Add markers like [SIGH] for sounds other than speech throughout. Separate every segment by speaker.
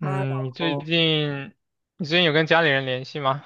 Speaker 1: 哈
Speaker 2: 嗯，你最
Speaker 1: 喽。
Speaker 2: 近有跟家里人联系吗？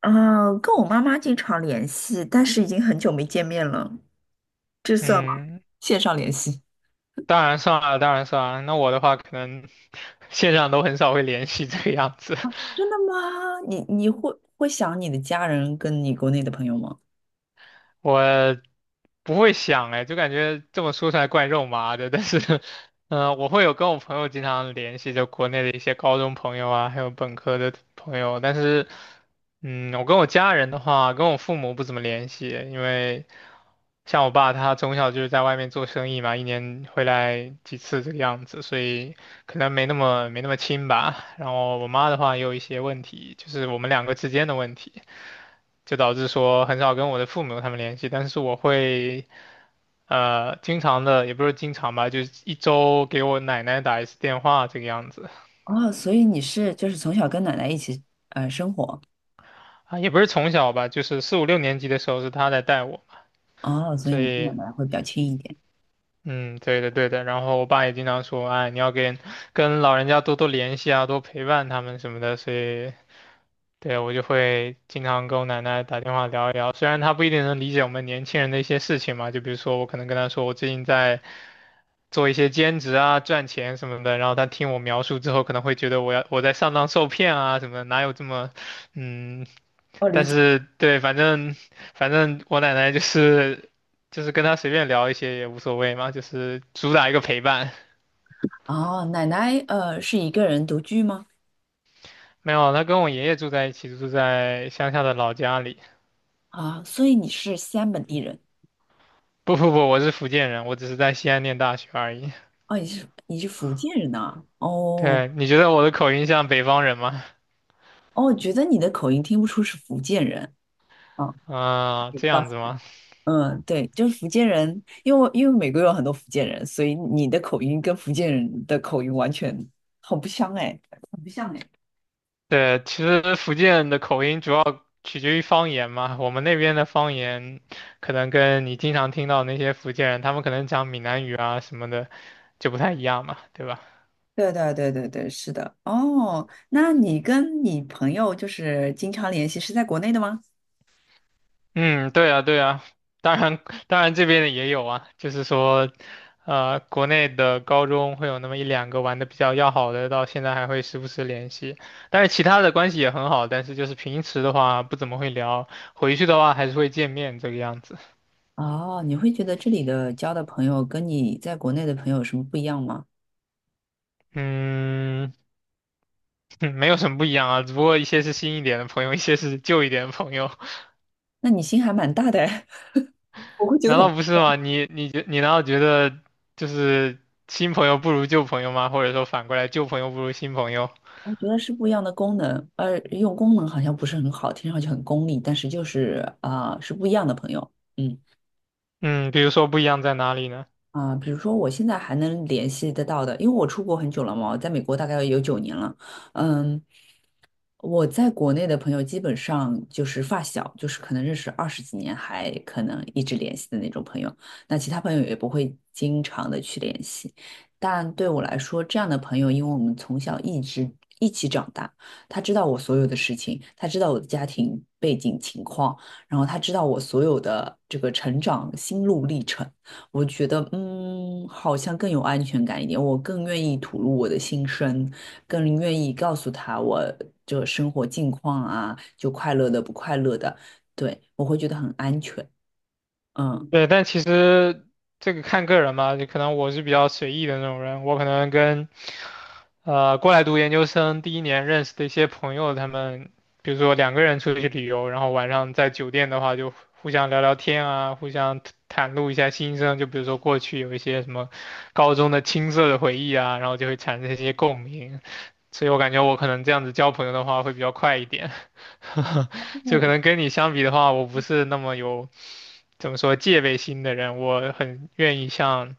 Speaker 1: 啊，跟我妈妈经常联系，但是已经很久没见面了，这算吗？
Speaker 2: 嗯，
Speaker 1: 线上联系。
Speaker 2: 当然算了，当然算了。那我的话，可能 [LAUGHS] 线上都很少会联系这个样子。
Speaker 1: 真的
Speaker 2: [LAUGHS]
Speaker 1: 吗？你会想你的家人跟你国内的朋友吗？
Speaker 2: 我不会想哎，就感觉这么说出来怪肉麻的，但是，[LAUGHS] 我会有跟我朋友经常联系，就国内的一些高中朋友啊，还有本科的朋友，但是，嗯，我跟我家人的话，跟我父母不怎么联系，因为像我爸他从小就是在外面做生意嘛，一年回来几次这个样子，所以可能没那么亲吧。然后我妈的话也有一些问题，就是我们两个之间的问题。就导致说很少跟我的父母他们联系，但是我会经常的，也不是经常吧，就是一周给我奶奶打一次电话这个样子。
Speaker 1: 哦，所以你是就是从小跟奶奶一起生活。
Speaker 2: 啊，也不是从小吧，就是四五六年级的时候是她在带我，
Speaker 1: 哦，所以
Speaker 2: 所
Speaker 1: 你跟奶
Speaker 2: 以
Speaker 1: 奶会比较亲一点。
Speaker 2: 嗯，对的，然后我爸也经常说，哎，你要跟老人家多多联系啊，多陪伴他们什么的，所以。对，我就会经常跟我奶奶打电话聊一聊，虽然她不一定能理解我们年轻人的一些事情嘛，就比如说我可能跟她说我最近在做一些兼职啊，赚钱什么的。然后他听我描述之后，可能会觉得我在上当受骗啊什么的，哪有这么，嗯，
Speaker 1: 我理
Speaker 2: 但
Speaker 1: 解。
Speaker 2: 是对，反正我奶奶就是跟他随便聊一些也无所谓嘛，就是主打一个陪伴。
Speaker 1: 哦，奶奶是一个人独居吗？
Speaker 2: 没有，他跟我爷爷住在一起，住在乡下的老家里。
Speaker 1: 啊，所以你是西安本地人。
Speaker 2: 不，我是福建人，我只是在西安念大学而已。
Speaker 1: 哦，你是福建人呐，哦。
Speaker 2: 对，你觉得我的口音像北方人吗？
Speaker 1: 哦，觉得你的口音听不出是福建人。哦，
Speaker 2: 啊、这样子吗？
Speaker 1: 嗯，对，就是福建人，因为美国有很多福建人，所以你的口音跟福建人的口音完全很不相哎。很不像哎。
Speaker 2: 对，其实福建的口音主要取决于方言嘛。我们那边的方言，可能跟你经常听到那些福建人，他们可能讲闽南语啊什么的，就不太一样嘛，对吧？
Speaker 1: 对对对对对，是的。哦，那你跟你朋友就是经常联系，是在国内的吗？
Speaker 2: 嗯，对啊，对啊。当然，当然这边的也有啊，就是说，国内的高中会有那么一两个玩的比较要好的，到现在还会时不时联系。但是其他的关系也很好，但是就是平时的话不怎么会聊，回去的话还是会见面这个样子。
Speaker 1: 哦，你会觉得这里的交的朋友跟你在国内的朋友有什么不一样吗？
Speaker 2: 嗯。[LAUGHS] 嗯，没有什么不一样啊，只不过一些是新一点的朋友，一些是旧一点的朋友，[LAUGHS]
Speaker 1: 那你心还蛮大的哎，[LAUGHS] 我会觉得
Speaker 2: 难
Speaker 1: 很。
Speaker 2: 道不是吗？你难道觉得就是新朋友不如旧朋友吗？或者说反过来，旧朋友不如新朋友？
Speaker 1: 我觉得是不一样的功能。用功能好像不是很好，听上去很功利，但是就是啊，是不一样的朋友。嗯。
Speaker 2: 嗯，比如说不一样在哪里呢？
Speaker 1: 啊，比如说我现在还能联系得到的，因为我出国很久了嘛，我在美国大概有9年了。嗯，我在国内的朋友基本上就是发小，就是可能认识20几年，还可能一直联系的那种朋友。那其他朋友也不会经常的去联系。但对我来说，这样的朋友，因为我们从小一直一起长大，他知道我所有的事情，他知道我的家庭背景情况，然后他知道我所有的这个成长心路历程。我觉得，好像更有安全感一点，我更愿意吐露我的心声。更愿意告诉他我这生活近况啊，就快乐的不快乐的。对，我会觉得很安全。嗯。
Speaker 2: 对，但其实这个看个人嘛，就可能我是比较随意的那种人，我可能跟过来读研究生第一年认识的一些朋友，他们比如说两个人出去旅游，然后晚上在酒店的话就互相聊聊天啊，互相袒露一下心声，就比如说过去有一些什么高中的青涩的回忆啊，然后就会产生一些共鸣，所以我感觉我可能这样子交朋友的话会比较快一点，[LAUGHS] 就可能跟你相比的话，我不是那么有。怎么说戒备心的人，我很愿意向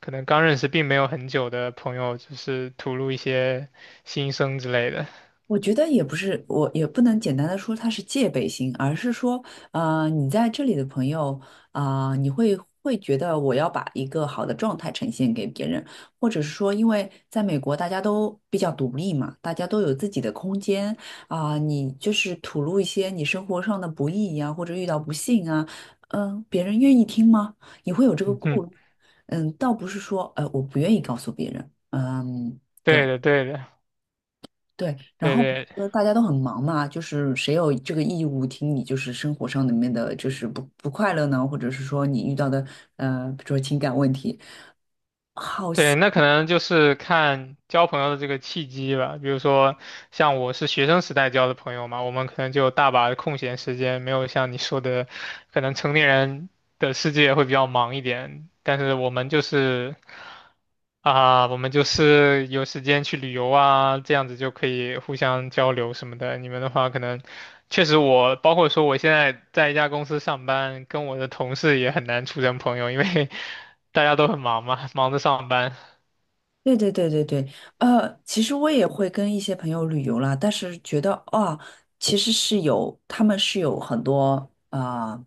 Speaker 2: 可能刚认识并没有很久的朋友，就是吐露一些心声之类的。
Speaker 1: 我觉得也不是，我也不能简单的说他是戒备心，而是说，你在这里的朋友，啊，你会觉得我要把一个好的状态呈现给别人，或者是说，因为在美国大家都比较独立嘛，大家都有自己的空间啊，你就是吐露一些你生活上的不易呀，或者遇到不幸啊。别人愿意听吗？你会有这个
Speaker 2: 嗯，
Speaker 1: 顾虑。嗯，倒不是说，我不愿意告诉别人。嗯。
Speaker 2: 对的，对的，
Speaker 1: 对，然
Speaker 2: 对
Speaker 1: 后
Speaker 2: 对，
Speaker 1: 大家都很忙嘛，就是谁有这个义务听你就是生活上里面的就是不快乐呢，或者是说你遇到的，比如说情感问题。好。
Speaker 2: 对，那可能就是看交朋友的这个契机吧。比如说，像我是学生时代交的朋友嘛，我们可能就有大把的空闲时间，没有像你说的，可能成年人的世界会比较忙一点。但是我们就是我们就是有时间去旅游啊，这样子就可以互相交流什么的。你们的话，可能确实我，包括说我现在在一家公司上班，跟我的同事也很难处成朋友，因为 [LAUGHS] 大家都很忙嘛，忙着上班。
Speaker 1: 对对对对对。其实我也会跟一些朋友旅游啦，但是觉得啊，其实是有，他们是有很多啊、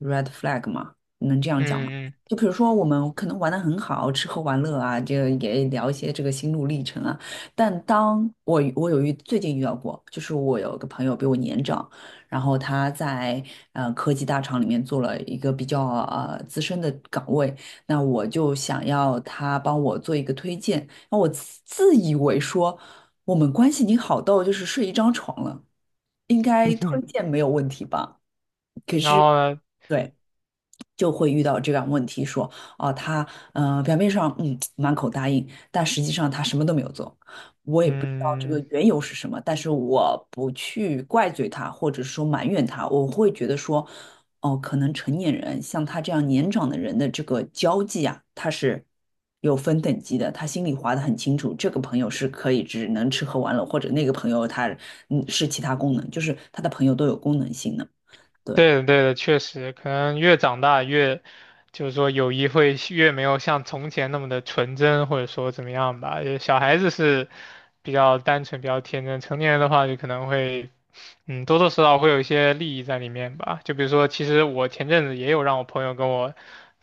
Speaker 1: red flag 嘛，能这样讲吗？
Speaker 2: 嗯
Speaker 1: 就比如说我们可能玩的很好，吃喝玩乐啊，这个也聊一些这个心路历程啊。但当我最近遇到过，就是我有个朋友比我年长，然后他在科技大厂里面做了一个比较资深的岗位。那我就想要他帮我做一个推荐。那我自以为说我们关系已经好到就是睡一张床了，应该推
Speaker 2: 嗯，[LAUGHS]
Speaker 1: 荐没有问题吧？
Speaker 2: 然
Speaker 1: 是。
Speaker 2: 后呢，
Speaker 1: 对。就会遇到这样问题说，啊，他表面上满口答应，但实际上他什么都没有做。我也不知道这个
Speaker 2: 嗯。
Speaker 1: 缘由是什么，但是我不去怪罪他，或者说埋怨他，我会觉得说，哦，可能成年人像他这样年长的人的这个交际啊，他是有分等级的，他心里划得很清楚，这个朋友是可以只能吃喝玩乐，或者那个朋友他是其他功能，就是他的朋友都有功能性的。对。
Speaker 2: 对的，对的，确实，可能越长大越，就是说友谊会越没有像从前那么的纯真，或者说怎么样吧。就是小孩子是比较单纯、比较天真，成年人的话就可能会，嗯，多多少少会有一些利益在里面吧。就比如说，其实我前阵子也有让我朋友跟我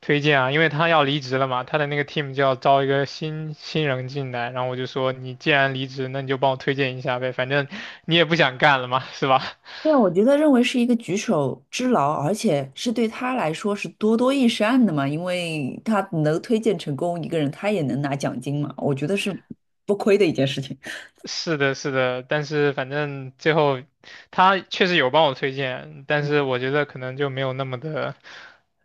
Speaker 2: 推荐啊，因为他要离职了嘛，他的那个 team 就要招一个新人进来，然后我就说，你既然离职，那你就帮我推荐一下呗，反正你也不想干了嘛，是吧？
Speaker 1: 对，我觉得认为是一个举手之劳，而且是对他来说是多多益善的嘛，因为他能推荐成功一个人，他也能拿奖金嘛，我觉得是不亏的一件事情。
Speaker 2: 是的，是的，但是反正最后他确实有帮我推荐，但是我觉得可能就没有那么的，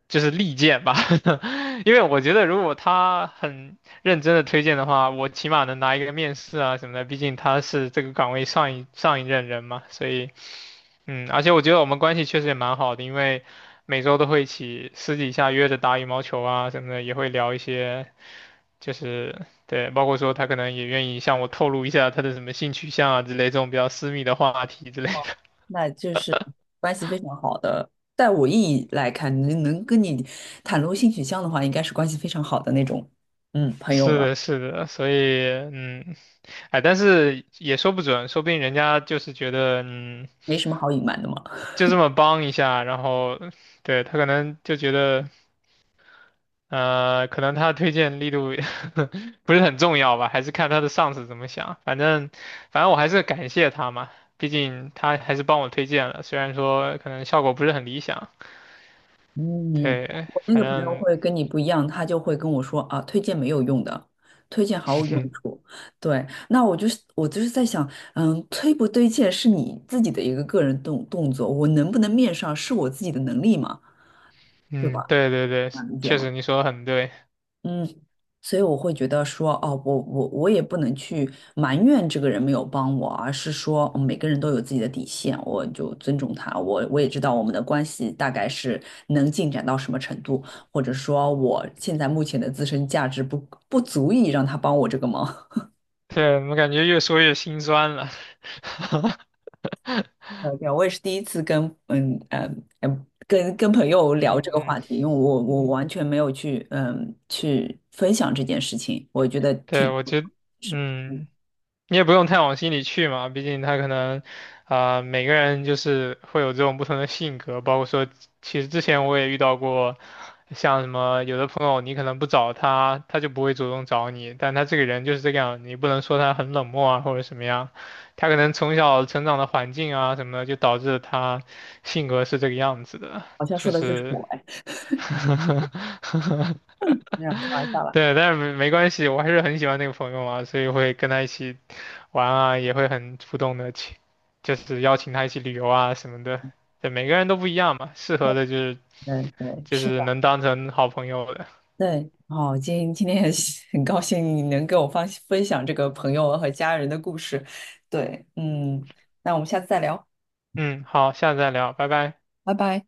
Speaker 2: 就是利剑吧，[LAUGHS] 因为我觉得如果他很认真的推荐的话，我起码能拿一个面试啊什么的，毕竟他是这个岗位上一任人嘛，所以嗯，而且我觉得我们关系确实也蛮好的，因为每周都会一起私底下约着打羽毛球啊什么的，也会聊一些，就是对，包括说他可能也愿意向我透露一下他的什么性取向啊之类这种比较私密的话题之类的。[LAUGHS]
Speaker 1: [LAUGHS] 那就是关系非常好的。在我意义来看，能跟你袒露性取向的话，应该是关系非常好的那种，嗯，朋友
Speaker 2: 是的，
Speaker 1: 了。
Speaker 2: 是的，所以嗯，哎，但是也说不准，说不定人家就是觉得嗯，
Speaker 1: 没什么好隐瞒的嘛。
Speaker 2: 就这么帮一下，然后对他可能就觉得。可能他的推荐力度 [LAUGHS] 不是很重要吧，还是看他的上司怎么想。反正，反正我还是感谢他嘛，毕竟他还是帮我推荐了，虽然说可能效果不是很理想。
Speaker 1: 嗯，
Speaker 2: 对，
Speaker 1: 我那
Speaker 2: 反
Speaker 1: 个朋友
Speaker 2: 正，
Speaker 1: 会跟你不一样，他就会跟我说啊，推荐没有用的，推荐毫无用处。对，那我就是在想。推不推荐是你自己的一个个人动作，我能不能面上是我自己的能力嘛，对
Speaker 2: 嗯，
Speaker 1: 吧？
Speaker 2: 对对对，
Speaker 1: 能理解
Speaker 2: 确
Speaker 1: 吗？
Speaker 2: 实你说的很对。
Speaker 1: 嗯，所以我会觉得说，哦，我也不能去埋怨这个人没有帮我，而是说，每个人都有自己的底线，我就尊重他。我也知道我们的关系大概是能进展到什么程度，或者说我现在目前的自身价值不足以让他帮我这个忙。[LAUGHS]
Speaker 2: 对，我感觉越说越心酸了。[LAUGHS]
Speaker 1: 对，我也是第一次跟朋友聊这个
Speaker 2: 嗯
Speaker 1: 话题，因为我
Speaker 2: 嗯，
Speaker 1: 完全没有去去分享这件事情，我觉得
Speaker 2: 对，
Speaker 1: 挺
Speaker 2: 我觉得，
Speaker 1: 是
Speaker 2: 嗯。你也不用太往心里去嘛，毕竟他可能，啊、每个人就是会有这种不同的性格，包括说，其实之前我也遇到过，像什么有的朋友你可能不找他，他就不会主动找你，但他这个人就是这个样，你不能说他很冷漠啊或者什么样，他可能从小成长的环境啊什么的，就导致他性格是这个样子的，
Speaker 1: 好像说
Speaker 2: 确
Speaker 1: 的就是
Speaker 2: 实。
Speaker 1: 我哎。
Speaker 2: [LAUGHS]
Speaker 1: 没有开玩笑了。
Speaker 2: 对，但是没关系，我还是很喜欢那个朋友嘛，所以会跟他一起玩啊，也会很主动的去，就是邀请他一起旅游啊什么的。对，每个人都不一样嘛，适合的就是
Speaker 1: 嗯，对，
Speaker 2: 就
Speaker 1: 是
Speaker 2: 是
Speaker 1: 的。
Speaker 2: 能当成好朋友的。
Speaker 1: 对，哦，今天很高兴你能跟我分享这个朋友和家人的故事。对。嗯，那我们下次再聊，
Speaker 2: 嗯，好，下次再聊，拜拜。
Speaker 1: 拜拜。